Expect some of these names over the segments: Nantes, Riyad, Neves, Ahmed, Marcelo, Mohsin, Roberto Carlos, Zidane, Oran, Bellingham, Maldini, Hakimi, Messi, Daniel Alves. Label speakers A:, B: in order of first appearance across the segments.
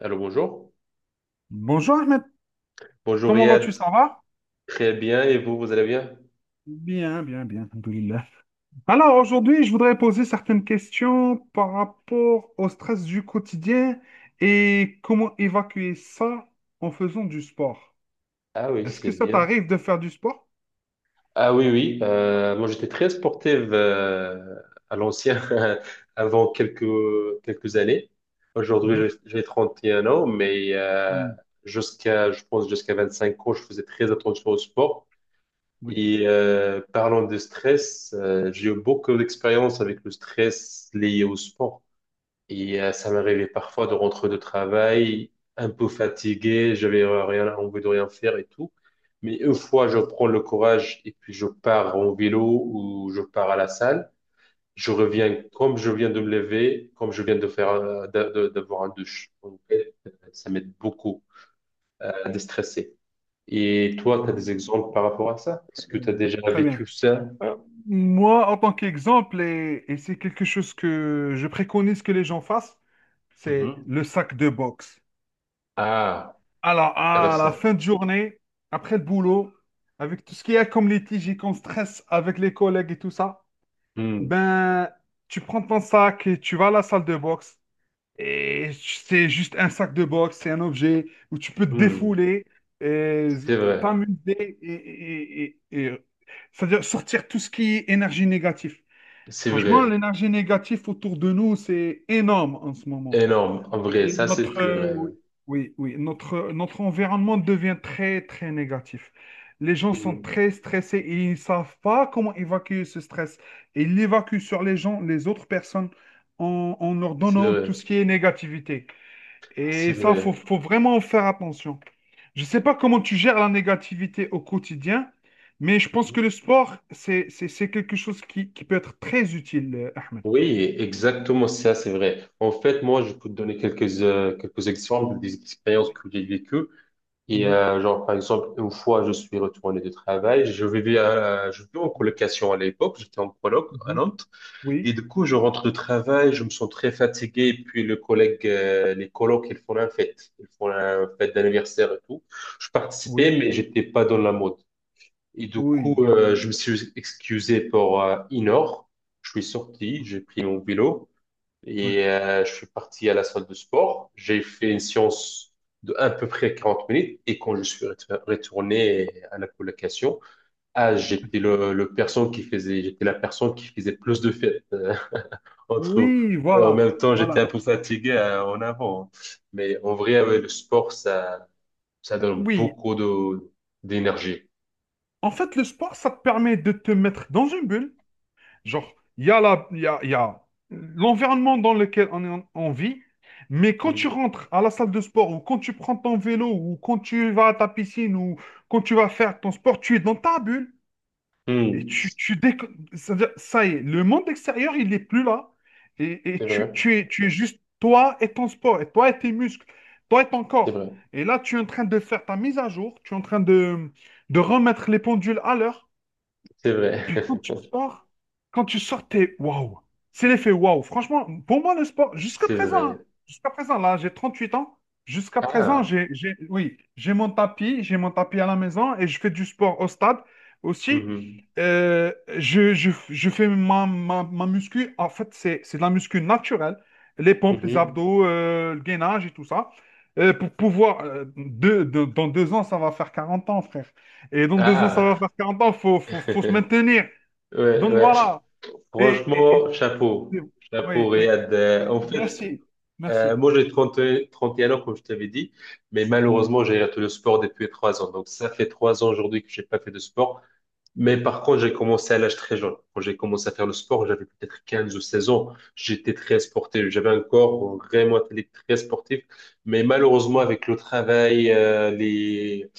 A: Allô, bonjour.
B: Bonjour Ahmed,
A: Bonjour
B: comment
A: Riyad,
B: vas-tu?
A: vous
B: Ça va?
A: très bien et vous, vous allez bien?
B: Bien, bien, bien, alhamdoulilah. Alors aujourd'hui, je voudrais poser certaines questions par rapport au stress du quotidien et comment évacuer ça en faisant du sport.
A: Ah oui,
B: Est-ce
A: c'est
B: que ça
A: bien.
B: t'arrive de faire du sport?
A: Ah oui, oui. Moi, j'étais très sportive, à l'ancien, avant quelques années. Aujourd'hui,
B: Mhm.
A: j'ai 31 ans, mais
B: Oui,
A: jusqu'à, je pense, jusqu'à 25 ans, je faisais très attention au sport.
B: oui,
A: Et parlant de stress, j'ai eu beaucoup d'expérience avec le stress lié au sport. Ça m'arrivait parfois de rentrer de travail un peu fatigué, j'avais rien envie de rien faire et tout. Mais une fois, je prends le courage et puis je pars en vélo ou je pars à la salle. Je
B: oui.
A: reviens comme je viens de me lever, comme je viens de faire, d'avoir un douche. En fait, ça m'aide beaucoup à déstresser. Et toi, tu as
B: Voilà.
A: des exemples par rapport à ça? Est-ce que tu as
B: Oui.
A: déjà
B: Très bien.
A: vécu ça?
B: Euh, moi, en tant qu'exemple, et c'est quelque chose que je préconise que les gens fassent, c'est
A: Mhm.
B: le sac de boxe.
A: Ah,
B: Alors, à la
A: intéressant.
B: fin de journée, après le boulot, avec tout ce qu'il y a comme litige et comme stress avec les collègues et tout ça,
A: Hmm,
B: ben, tu prends ton sac et tu vas à la salle de boxe. Et c'est juste un sac de boxe, c'est un objet où tu peux te
A: hmm.
B: défouler, et
A: C'est vrai,
B: t'amuser c'est-à-dire sortir tout ce qui est énergie négative.
A: c'est
B: Franchement,
A: vrai.
B: l'énergie négative autour de nous, c'est énorme en ce moment.
A: Énorme, en vrai, ça c'est très vrai.
B: Oui, oui, oui, notre environnement devient très, très négatif. Les gens
A: Oui.
B: sont
A: Mhm.
B: très stressés et ils ne savent pas comment évacuer ce stress. Et ils l'évacuent sur les gens, les autres personnes, en leur
A: C'est
B: donnant tout
A: vrai,
B: ce qui est négativité. Et
A: c'est
B: ça, faut,
A: vrai.
B: faut vraiment faire attention. Je ne sais pas comment tu gères la négativité au quotidien, mais je pense
A: Mhm.
B: que le sport, c'est quelque chose qui peut être très utile, Ahmed.
A: Oui, exactement ça, c'est vrai. En fait, moi, je peux te donner quelques exemples des expériences
B: Oui.
A: que j'ai vécues.
B: Mhm.
A: Genre, par exemple, une fois, je suis retourné de travail, je vivais en colocation à l'époque, j'étais en coloc à
B: Mhm.
A: Nantes. Et
B: Oui,
A: du coup, je rentre de travail, je me sens très fatigué. Et puis, les colocs, ils font la fête. Ils font la fête d'anniversaire et tout. Je participais,
B: oui.
A: mais j'étais pas dans la mode. Et du coup,
B: Oui,
A: je me suis excusé pour une heure. Je suis sorti, j'ai pris mon vélo
B: ouais.
A: et je suis parti à la salle de sport. J'ai fait une séance de à peu près 40 minutes et quand je suis retourné à la colocation, ah, j'étais la personne qui faisait plus de fêtes, entre nous.
B: Oui,
A: Et en
B: voilà,
A: même temps, j'étais
B: voilà.
A: un peu fatigué, en avant, hein. Mais en vrai, ouais, le sport, ça donne
B: Oui,
A: beaucoup de d'énergie.
B: en fait, le sport, ça te permet de te mettre dans une bulle. Genre, il y a la, il y a l'environnement dans lequel on vit, mais quand tu
A: Mm.
B: rentres à la salle de sport, ou quand tu prends ton vélo, ou quand tu vas à ta piscine, ou quand tu vas faire ton sport, tu es dans ta bulle. Et
A: Mm.
B: tu, tu déco- c'est-à-dire, ça y est, le monde extérieur, il n'est plus là. Et, et
A: C'est
B: tu,
A: vrai.
B: tu es, tu es juste toi et ton sport, et toi et tes muscles, toi et ton
A: C'est
B: corps.
A: vrai,
B: Et là, tu es en train de faire ta mise à jour, tu es en train de remettre les pendules à l'heure.
A: c'est
B: Et
A: vrai,
B: puis quand tu sors, quand tu sors, t'es waouh. C'est l'effet waouh. Franchement, pour moi, le sport, jusqu'à
A: c'est
B: présent,
A: vrai.
B: hein, jusqu'à présent, là, j'ai 38 ans. Jusqu'à présent,
A: Ah,
B: oui, j'ai mon tapis à la maison et je fais du sport au stade aussi.
A: mhm,
B: Euh, je fais ma muscu. En fait, c'est de la muscu naturelle. Les pompes, les
A: mhm.
B: abdos, le gainage et tout ça. Pour pouvoir, dans 2 ans, ça va faire 40 ans, frère. Et dans 2 ans, ça va
A: Ah,
B: faire 40 ans, faut se maintenir.
A: ouais,
B: Donc
A: ouais.
B: voilà. Et, et- et-
A: Franchement, chapeau, chapeau,
B: oui, oui,
A: Riyad.
B: oui.
A: En fait,
B: Merci, merci.
A: moi j'ai 31 ans, comme je t'avais dit, mais
B: Mhm.
A: malheureusement, j'ai arrêté le sport depuis 3 ans. Donc, ça fait 3 ans aujourd'hui que j'ai pas fait de sport. Mais par contre, j'ai commencé à l'âge très jeune. Quand j'ai commencé à faire le sport, j'avais peut-être 15 ou 16 ans. J'étais très sportif. J'avais un corps vraiment athlétique, très sportif. Mais malheureusement, avec le travail,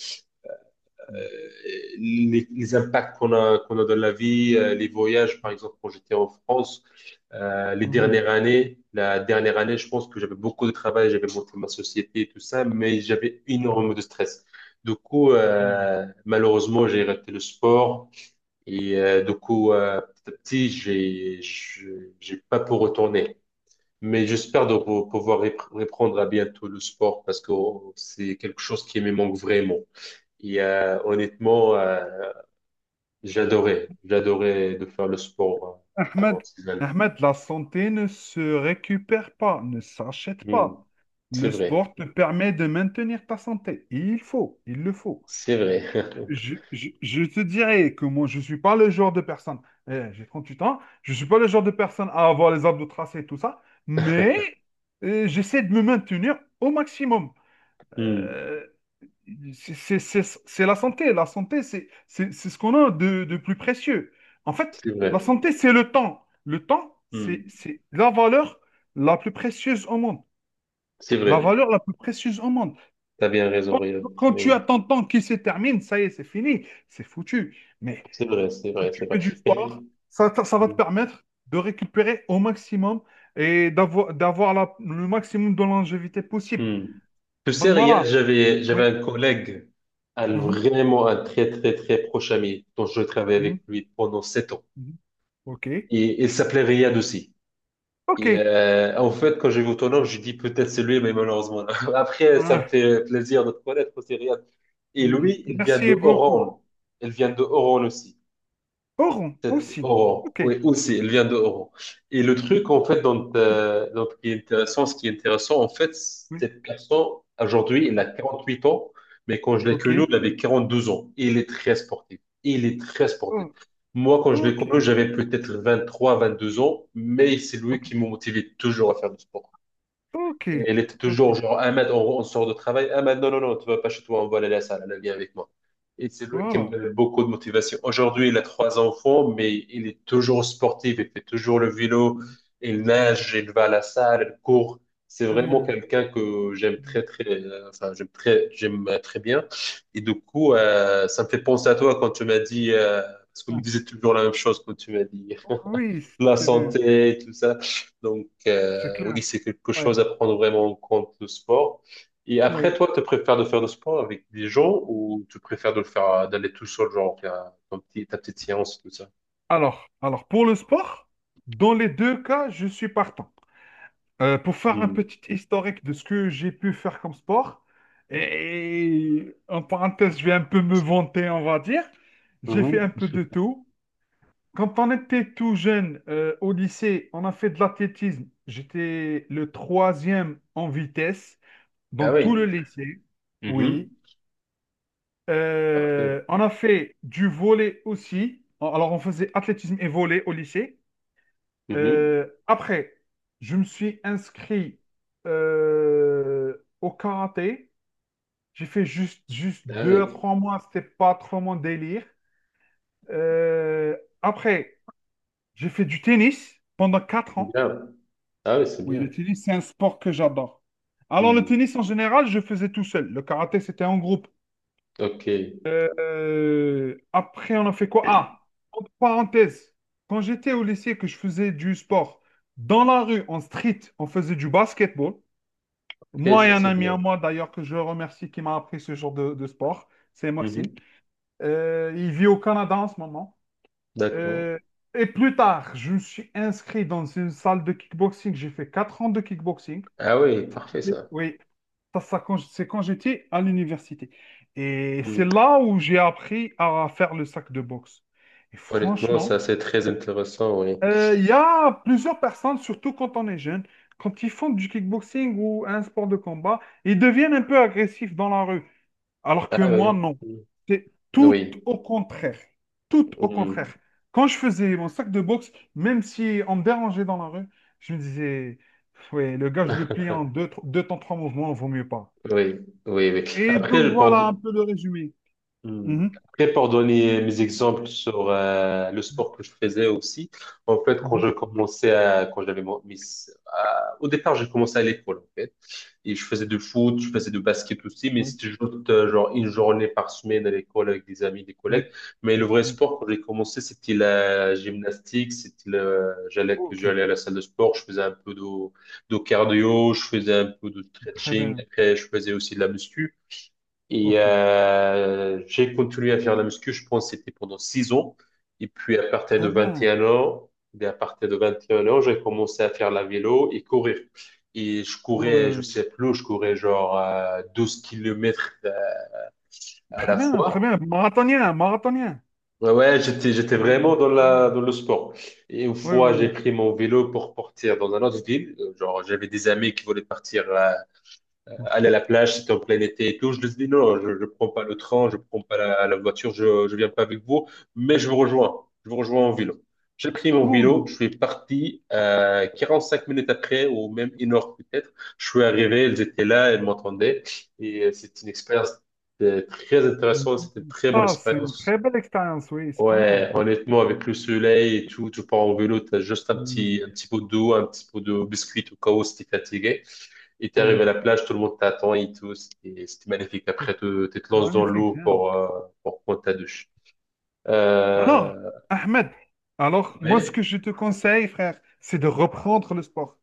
A: euh, les impacts qu'on a, qu'on a dans la vie, les voyages, par exemple, quand j'étais en France, les
B: Mhm.
A: dernières années, la dernière année, je pense que j'avais beaucoup de travail, j'avais monté ma société et tout ça, mais j'avais énormément de stress. Du coup,
B: Voilà.
A: malheureusement, j'ai arrêté le sport. Du coup, petit à petit, j'ai pas pour retourner. Mais j'espère de pouvoir reprendre à bientôt le sport parce que oh, c'est quelque chose qui me manque vraiment. Honnêtement, j'adorais de faire le sport, avant
B: Ahmed,
A: ces années.
B: Ahmed, la santé ne se récupère pas, ne s'achète
A: Hmm.
B: pas.
A: C'est
B: Le
A: vrai,
B: sport te permet de maintenir ta santé. Il faut, il le faut.
A: c'est vrai.
B: Je te dirais que moi, je suis pas le genre de personne, eh, j'ai 8 ans, je suis pas le genre de personne à avoir les abdos tracés et tout ça, mais j'essaie de me maintenir au maximum.
A: Hmm.
B: Euh, c'est la santé, c'est ce qu'on a de plus précieux. En fait,
A: C'est
B: la
A: vrai.
B: santé, c'est le temps. Le temps, c'est
A: Hmm.
B: c'est la valeur la plus précieuse au monde.
A: C'est
B: La
A: vrai.
B: valeur la plus précieuse au monde.
A: T'as bien raison,
B: Quand
A: Ryan.
B: quand tu
A: Oui,
B: as ton temps qui se termine, ça y est, c'est fini, c'est foutu. Mais
A: c'est vrai, c'est
B: si
A: vrai, c'est
B: tu
A: vrai.
B: fais du
A: Mais-
B: sport, ça va te permettre de récupérer au maximum et d'avoir le maximum de longévité possible.
A: Hmm. Tu sais,
B: Donc
A: Riyad,
B: voilà.
A: j'avais,
B: Oui.
A: j'avais un collègue,
B: Mhm,
A: vraiment un très, très, très proche ami, dont je travaillais
B: mhm,
A: avec lui pendant 7 ans.
B: mhm. OK.
A: Et il s'appelait Riyad aussi.
B: OK.
A: En fait, quand j'ai vu ton nom, j'ai dit peut-être c'est lui, mais malheureusement, non. Après, ça me
B: Ouais.
A: fait plaisir de te connaître aussi, Riyad. Et
B: Mm.
A: lui, il vient de
B: Merci beaucoup.
A: Oran. Il vient de Oran aussi.
B: Oron
A: Sept
B: aussi.
A: euros.
B: OK.
A: Oui, aussi, elle vient de euros. Et le truc, en fait, dont, dont qui est intéressant, ce qui est intéressant, en fait,
B: Oui.
A: cette personne, aujourd'hui, elle a 48 ans, mais quand je l'ai connu,
B: OK.
A: elle avait 42 ans. Et il est très sportif. Il est très sportif.
B: Oh,
A: Moi, quand je l'ai connu,
B: OK.
A: j'avais peut-être 23, 22 ans, mais c'est lui
B: OK.
A: qui m'a motivé toujours à faire du sport.
B: OK.
A: Et elle était toujours
B: OK.
A: genre, Ahmed, on sort de travail. Ahmed, non, non, non, tu vas pas chez toi, on va aller à la salle, elle vient avec moi. Et c'est lui qui me
B: Voilà.
A: donne beaucoup de motivation. Aujourd'hui, il a trois enfants, mais il est toujours sportif, il fait toujours le vélo, il
B: Ouais.
A: nage, il va à la salle, il court. C'est
B: C'est
A: vraiment
B: bien.
A: quelqu'un que j'aime très, très, enfin, j'aime très bien. Et du coup,
B: Ouais.
A: ça me fait penser à toi quand tu m'as dit, parce qu'on me
B: Ouais.
A: disait toujours la même chose quand tu m'as dit
B: Oui,
A: la
B: c'est bien.
A: santé, tout ça. Donc,
B: C'est clair.
A: oui, c'est quelque
B: Ouais.
A: chose à prendre vraiment en compte, le sport. Et après,
B: Oui.
A: toi, tu préfères de faire le sport avec des gens ou tu préfères de le faire, d'aller tout seul, genre, faire ton petit, ta petite séance, tout ça?
B: Alors, pour le sport, dans les deux cas, je suis partant. Pour faire un
A: Hmm.
B: petit historique de ce que j'ai pu faire comme sport, et en parenthèse, je vais un peu me vanter, on va dire. J'ai
A: Mhm.
B: fait un peu de tout. Quand on était tout jeune, au lycée, on a fait de l'athlétisme. J'étais le troisième en vitesse dans
A: Ah
B: tout le
A: oui.
B: lycée. Oui.
A: Mhm. Parfait.
B: On a fait du volley aussi. Alors, on faisait athlétisme et volley au lycée.
A: Mhm.
B: Après, je me suis inscrit au karaté. J'ai fait juste
A: Ah
B: deux
A: oui.
B: à trois mois. C'était pas trop mon délire. Après, j'ai fait du tennis pendant 4 ans.
A: Bien. Ah oui, c'est
B: Oui, le
A: bien.
B: tennis, c'est un sport que j'adore. Alors, le
A: Hmm.
B: tennis, en général, je faisais tout seul. Le karaté, c'était en groupe.
A: OK.
B: Après, on a fait quoi? Ah, entre parenthèses, quand j'étais au lycée que je faisais du sport, dans la rue, en street, on faisait du basketball.
A: OK,
B: Moi et
A: ça,
B: un
A: c'est
B: ami
A: bien.
B: à moi d'ailleurs que je remercie qui m'a appris ce genre de sport, c'est Mohsin.
A: Mhm.
B: Il vit au Canada en ce moment.
A: D'accord.
B: Euh, et plus tard, je me suis inscrit dans une salle de kickboxing. J'ai fait 4 ans de kickboxing.
A: Ah oui, parfait, ça.
B: Oui, c'est quand j'étais à l'université. Et c'est
A: Hmm.
B: là où j'ai appris à faire le sac de boxe. Et
A: Honnêtement,
B: franchement,
A: ça, c'est très intéressant, oui.
B: il y a plusieurs personnes, surtout quand on est jeune, quand ils font du kickboxing ou un sport de combat, ils deviennent un peu agressifs dans la rue. Alors que
A: Ah
B: moi,
A: oui.
B: non.
A: Hmm.
B: C'est tout
A: Oui.
B: au contraire. Tout au
A: Hmm.
B: contraire. Quand je faisais mon sac de boxe, même si on me dérangeait dans la rue, je me disais, ouais, le gars, je le plie en deux, deux temps, trois mouvements, vaut mieux pas.
A: Oui, oui, oui.
B: Et donc
A: Après,
B: voilà un
A: pour,
B: peu le résumé.
A: hmm.
B: Mhm.
A: Après, pour donner mes exemples sur, le sport que je faisais aussi, en fait, quand
B: Mhm.
A: je commençais à, quand j'avais mon- mis, à- au départ, j'ai commencé à l'école, en fait. Et je faisais de foot, je faisais de basket aussi, mais
B: Oui,
A: c'était juste, genre une journée par semaine à l'école avec des amis, des collègues.
B: oui,
A: Mais le vrai
B: oui.
A: sport, quand j'ai commencé, c'était la gymnastique, j'allais,
B: Ok,
A: j'allais à la salle de sport, je faisais un peu de cardio, je faisais un peu de
B: très
A: stretching,
B: bien.
A: après je faisais aussi de la muscu.
B: Ok,
A: J'ai continué à faire la muscu, je pense que c'était pendant 6 ans. Et puis
B: très bien.
A: à partir de 21 ans, j'ai commencé à faire la vélo et courir. Et je courais, je
B: Ouais.
A: sais plus, je courais genre, 12 kilomètres, à
B: Très
A: la
B: bien, très
A: fois.
B: bien. Marathonien, marathonien.
A: Ouais, ouais, j'étais vraiment
B: Mhm.
A: dans
B: Pas
A: la,
B: mal.
A: dans le sport. Et une
B: Oui,
A: fois, j'ai
B: oui,
A: pris mon vélo pour partir dans un autre ville. Genre, j'avais des amis qui voulaient partir, aller à la plage, c'était en plein été et tout. Je lui ai dit non, je ne prends pas le train, je ne prends pas la voiture, je ne viens pas avec vous, mais je vous rejoins. Je vous rejoins en vélo. J'ai pris mon vélo,
B: oui.
A: je suis parti. 45 minutes après, ou même une heure peut-être, je suis arrivé, elles étaient là, elles m'entendaient. C'est une expérience, très
B: Oui.
A: intéressante, c'était une très bonne
B: Ça, c'est une
A: expérience.
B: très belle expérience, oui, c'est pas mal.
A: Ouais, honnêtement, avec le soleil et tout, tu pars en vélo, tu as juste un petit, un
B: Oui,
A: petit pot d'eau, un petit pot de biscuit au cas où si t'es fatigué. Et t'es arrivé à la
B: oui.
A: plage, tout le monde t'attend et tout. C'était magnifique.
B: C'est
A: Après, tu te lances dans
B: magnifique,
A: l'eau
B: j'aime.
A: pour, prendre ta douche.
B: Alors,
A: Euh,
B: Ahmed, alors, moi, ce que
A: mais,
B: je te conseille, frère, c'est de reprendre le sport.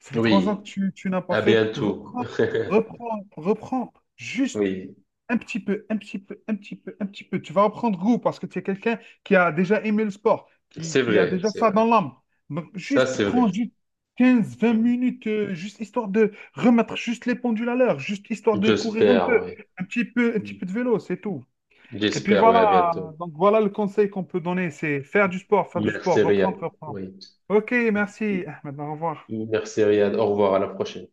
B: Ça fait 3 ans que
A: oui,
B: tu n'as pas
A: à
B: fait.
A: bientôt.
B: Reprends, reprends, reprends. Juste
A: Oui,
B: un petit peu, un petit peu, un petit peu, un petit peu. Tu vas reprendre goût parce que tu es quelqu'un qui a déjà aimé le sport, qui,
A: c'est
B: qui a
A: vrai,
B: déjà
A: c'est
B: ça dans
A: vrai.
B: l'âme. Donc,
A: Ça,
B: juste
A: c'est
B: prends
A: vrai.
B: juste quinze vingt
A: Mm.
B: minutes, juste histoire de remettre juste les pendules à l'heure, juste histoire de courir un
A: J'espère,
B: peu,
A: oui.
B: un petit peu, un petit
A: Mm.
B: peu de vélo, c'est tout. Et puis
A: J'espère, oui, à
B: voilà,
A: bientôt.
B: donc voilà le conseil qu'on peut donner, c'est faire du sport,
A: Merci,
B: reprendre,
A: Riyad.
B: reprendre.
A: Oui.
B: Ok,
A: M-
B: merci. Maintenant, au revoir.
A: Merci, Riyad. Au revoir, à la prochaine.